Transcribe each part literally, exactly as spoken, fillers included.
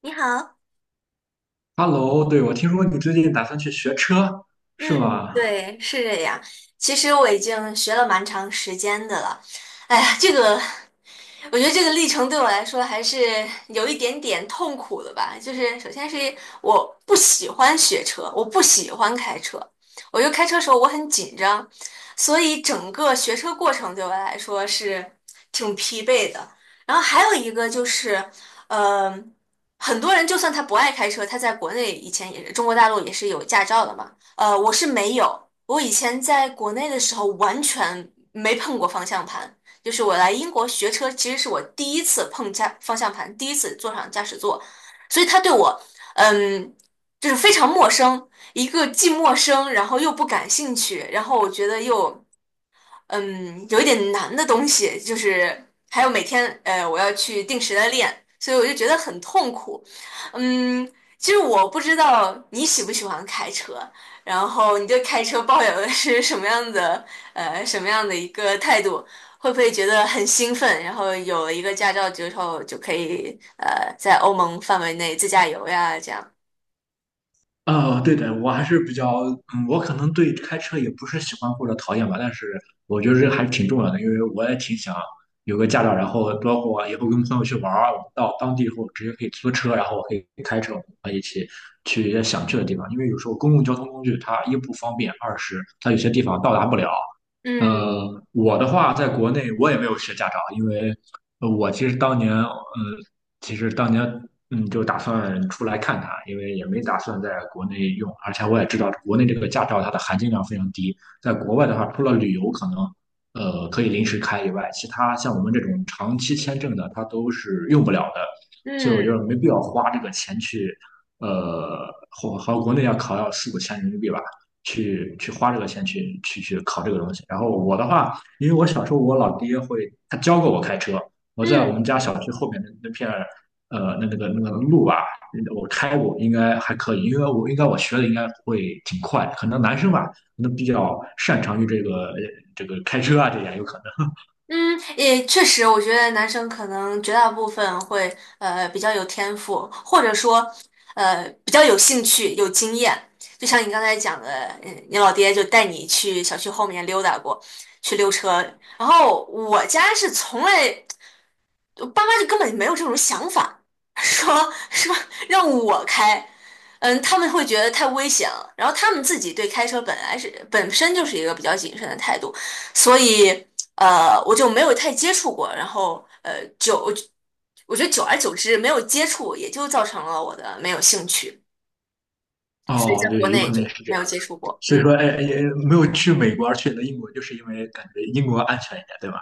你好，Hello，对，我听说你最近打算去学车，是嗯，吗？对，是这样。其实我已经学了蛮长时间的了。哎呀，这个，我觉得这个历程对我来说还是有一点点痛苦的吧。就是首先是我不喜欢学车，我不喜欢开车，我就开车的时候我很紧张，所以整个学车过程对我来说是挺疲惫的。然后还有一个就是，呃，很多人就算他不爱开车，他在国内以前也是中国大陆也是有驾照的嘛。呃，我是没有，我以前在国内的时候完全没碰过方向盘，就是我来英国学车，其实是我第一次碰驾方向盘，第一次坐上驾驶座，所以他对我，嗯，就是非常陌生，一个既陌生，然后又不感兴趣，然后我觉得又，嗯，有一点难的东西，就是还有每天，呃，我要去定时的练，所以我就觉得很痛苦。嗯，其实我不知道你喜不喜欢开车，然后你对开车抱有的是什么样的呃什么样的一个态度？会不会觉得很兴奋？然后有了一个驾照之后，就可以呃在欧盟范围内自驾游呀，这样。哦，对的，我还是比较，嗯，我可能对开车也不是喜欢或者讨厌吧，但是我觉得这还是挺重要的，因为我也挺想有个驾照，然后包括以后跟朋友去玩儿，我们到当地以后直接可以租车，然后我可以开车，我们可以一起去一些想去的地方，因为有时候公共交通工具它一不方便，二是它有些地方到达不了。嗯呃，我的话，在国内我也没有学驾照，因为呃我其实当年，嗯。其实当年嗯就打算出来看看啊，因为也没打算在国内用，而且我也知道国内这个驾照它的含金量非常低，在国外的话，除了旅游可能呃可以临时开以外，其他像我们这种长期签证的，它都是用不了的，所以我觉得嗯没必要花这个钱去呃，和和国内要考要四五千人民币吧。去去花这个钱去去去考这个东西。然后我的话，因为我小时候我老爹会他教过我开车，我在我嗯，们家小区后面的那片呃，那那个那个路啊，我开过，应该还可以，因为我应该我学的应该会挺快，可能男生吧，可能比较擅长于这个这个开车啊，这样有可能。嗯，也确实，我觉得男生可能绝大部分会呃比较有天赋，或者说呃比较有兴趣、有经验。就像你刚才讲的，嗯，你老爹就带你去小区后面溜达过，去溜车。然后我家是从来我爸妈就根本没有这种想法，说是吧？让我开，嗯，他们会觉得太危险了。然后他们自己对开车本来是本身就是一个比较谨慎的态度，所以呃，我就没有太接触过。然后呃，久，我觉得久而久之没有接触，也就造成了我的没有兴趣，所以哦，在国对，有内可能也就是这没样。有接触过。所以嗯。说，哎，哎也没有去美国，而去了英国，就是因为感觉英国安全一点，对吧？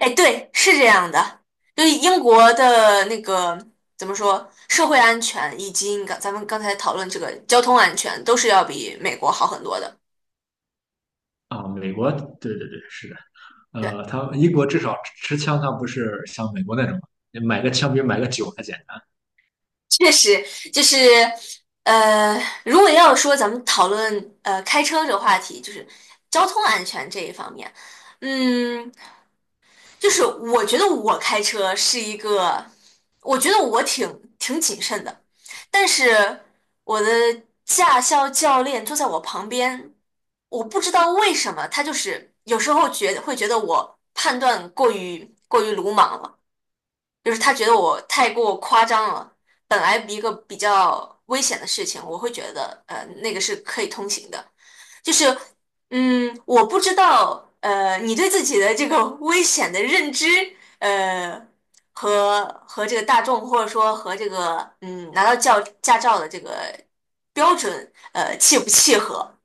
哎，对，是这样的，就是英国的那个怎么说，社会安全以及你刚咱们刚才讨论这个交通安全，都是要比美国好很多的。啊，美国，对对对，是的。对，呃，他英国至少持枪，他不是像美国那种买个枪比买个酒还简。确实就是，呃，如果要说咱们讨论呃开车这个话题，就是交通安全这一方面，嗯。就是我觉得我开车是一个，我觉得我挺挺谨慎的，但是我的驾校教练坐在我旁边，我不知道为什么他就是有时候觉得会觉得我判断过于过于鲁莽了，就是他觉得我太过夸张了。本来一个比较危险的事情，我会觉得呃那个是可以通行的，就是，嗯，我不知道，呃，你对自己的这个危险的认知，呃，和和这个大众，或者说和这个，嗯，拿到教驾照的这个标准，呃，契不契合？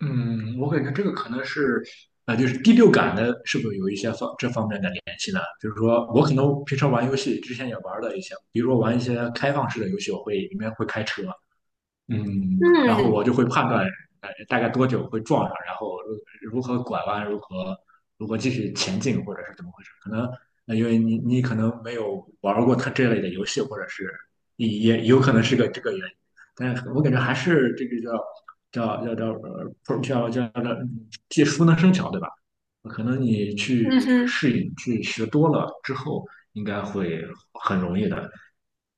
嗯，我感觉这个可能是，呃，就是第六感的，是不是有一些方这方面的联系呢？就是说，我可能平常玩游戏之前也玩了一些，比如说玩一些开放式的游戏，我会里面会开车，嗯，然后我嗯就会判断，呃，大概多久会撞上，然后如何拐弯，如何如何继续前进，或者是怎么回事？可能，呃，因为你你可能没有玩过它这类的游戏，或者是也也有可能是个这个原因。但是我感觉还是这个叫叫叫叫呃，不叫叫叫技熟能生巧，对吧？可能你去嗯哼，适应、去学多了之后，应该会很容易的。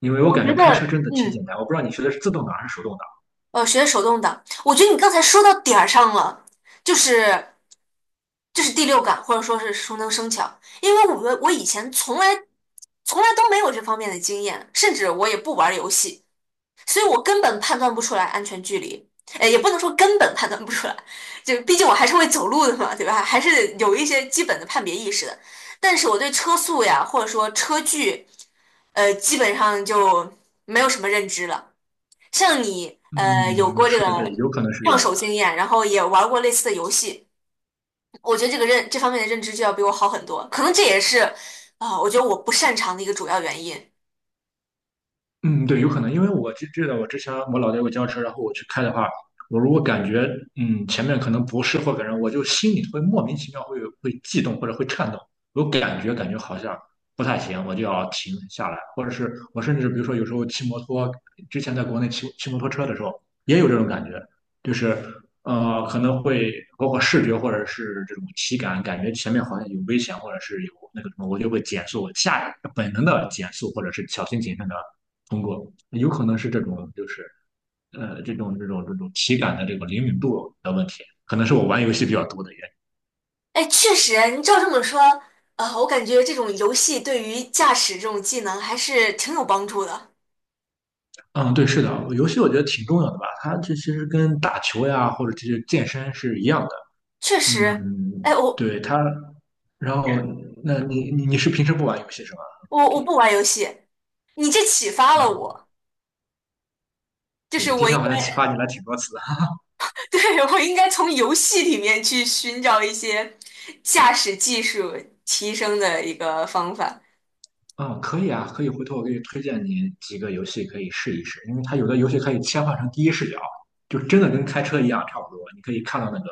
因为我我感觉觉开车得，真的挺简嗯，单，我不知道你学的是自动挡还是手动挡。呃，学手动挡，我觉得你刚才说到点儿上了，就是就是第六感，或者说是熟能生巧，因为我们我以前从来从来都没有这方面的经验，甚至我也不玩儿游戏。所以我根本判断不出来安全距离，呃，也不能说根本判断不出来，就毕竟我还是会走路的嘛，对吧？还是有一些基本的判别意识的。但是我对车速呀，或者说车距，呃，基本上就没有什么认知了。像你，呃，有嗯，过这是个对，有可能是这上样手的。经验，然后也玩过类似的游戏，我觉得这个认这方面的认知就要比我好很多。可能这也是啊，我觉得我不擅长的一个主要原因。嗯，对，有可能，因为我记记得我之前我老爹给我教车，然后我去开的话，我如果感觉嗯前面可能不是或者人，我就心里会莫名其妙会会悸动或者会颤抖，有感觉感觉好像不太行，我就要停下来，或者是我甚至比如说有时候骑摩托，之前在国内骑骑摩托车的时候也有这种感觉，就是呃可能会包括视觉或者是这种体感，感觉前面好像有危险或者是有那个什么，我就会减速，下本能的减速或者是小心谨慎的。通过，有可能是这种就是呃这种这种这种体感的这个灵敏度的问题，可能是我玩游戏比较多的原因。哎，确实，你照这么说，呃，我感觉这种游戏对于驾驶这种技能还是挺有帮助的。嗯，对，是的，游戏我觉得挺重要的吧，它这其实跟打球呀或者这些健身是一样的。确实，嗯，哎，我对它，然后那你你你是平时不玩游戏是吧我我？OK，不玩游戏，你这启发了嗯，我，就是对，今我应天好像启该，发你了挺多次。对，我应该从游戏里面去寻找一些驾驶技术提升的一个方法。嗯，可以啊，可以，回头我给你推荐你几个游戏可以试一试，因为它有的游戏可以切换成第一视角，就真的跟开车一样差不多，你可以看到那个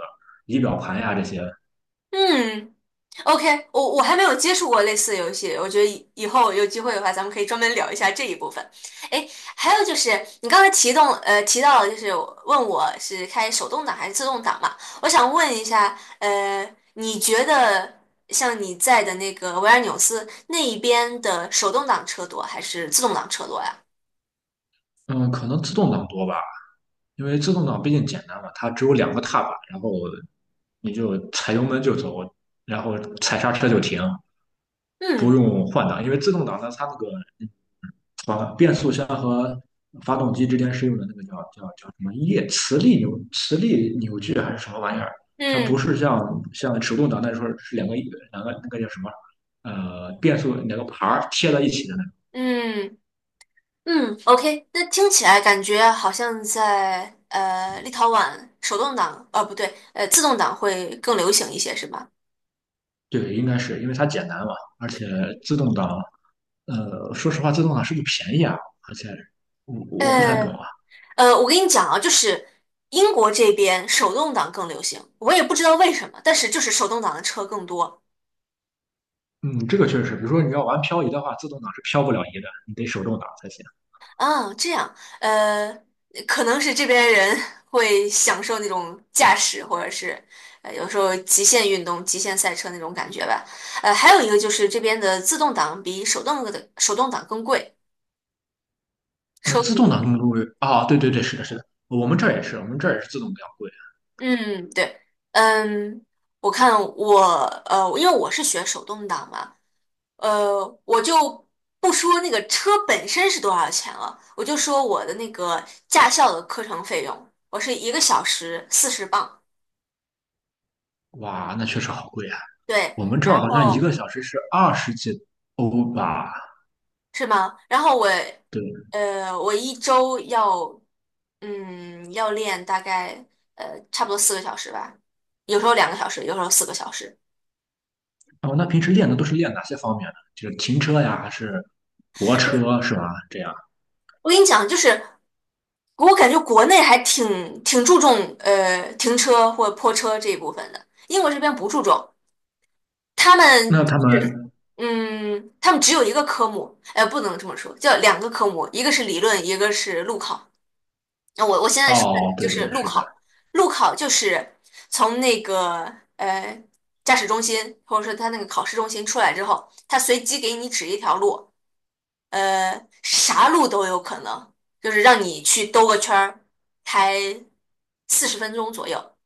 仪表盘呀这些。嗯，OK，我我还没有接触过类似的游戏，我觉得以以后有机会的话，咱们可以专门聊一下这一部分。哎，还有就是你刚才提动呃提到了，就是问我是开手动挡还是自动挡嘛？我想问一下，呃，你觉得像你在的那个维尔纽斯那一边的手动挡车多还是自动挡车多呀？嗯，可能自动挡多吧，因为自动挡毕竟简单嘛，它只有两个踏板，然后你就踩油门就走，然后踩刹车就停，不嗯用换挡，因为自动挡呢，它那个和变速箱和发动机之间是用的那个叫叫叫什么液磁力扭磁力扭矩还是什么玩意儿？它不嗯是像像手动挡那时候是两个两个那个叫什么呃变速两个盘儿贴在一起的那种。嗯。嗯，OK，那听起来感觉好像在呃立陶宛手动挡，呃不对，呃自动挡会更流行一些，是吧？对，应该是因为它简单嘛，而且自动挡呃说实话自动挡是不是便宜啊？而且我我不太懂呃啊。呃，我跟你讲啊，就是英国这边手动挡更流行，我也不知道为什么，但是就是手动挡的车更多。嗯，这个确实，比如说你要玩漂移的话，自动挡是漂不了移的，你得手动挡才行。啊，这样，呃，可能是这边人 会享受那种驾驶，或者是呃有时候极限运动、极限赛车那种感觉吧。呃，还有一个就是这边的自动挡比手动的手动挡更贵。呃，车自录动挡贵，更贵啊，对对对，是的，是的，我们这儿也是，我们这儿也是自动比较贵。嗯，对，嗯，我看我呃，因为我是学手动挡嘛，呃，我就不说那个车本身是多少钱了，我就说我的那个驾校的课程费用，我是一个小时四十磅，哇，那确实好贵啊！对，我们这儿然好像一后个小时是二十几欧吧？是吗？然后我对，呃，我一周要嗯要练大概呃差不多四个小时吧，有时候两个小时，有时候四个小时。哦，那平时练的都是练哪些方面呢？就是停车呀，还是泊车是吧？这样，我跟你讲，就是我感觉国内还挺挺注重呃停车或泊车这一部分的，英国这边不注重，他们那他是们嗯，他们只有一个科目，呃，不能这么说，叫两个科目，一个是理论，一个是路考。那我我现在说的哦，就对对是路是的，考，路考就是从那个呃驾驶中心或者说他那个考试中心出来之后，他随机给你指一条路，呃，啥路都有可能，就是让你去兜个圈儿，开四十分钟左右，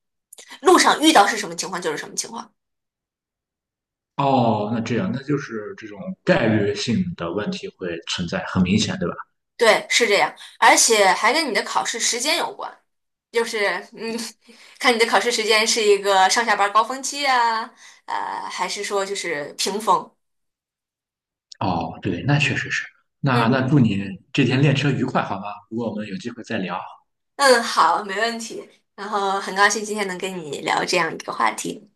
路上遇到是什么情况就是什么情况。哦，那这样，那就是这种概率性的问题会存在，很明显，对吧？对，是这样，而且还跟你的考试时间有关，就是嗯，看你的考试时间是一个上下班高峰期啊，呃，还是说就是平峰？哦，对，那确实是。那那嗯祝你这天练车愉快，好吗？如果我们有机会再聊。嗯，好，没问题。然后很高兴今天能跟你聊这样一个话题。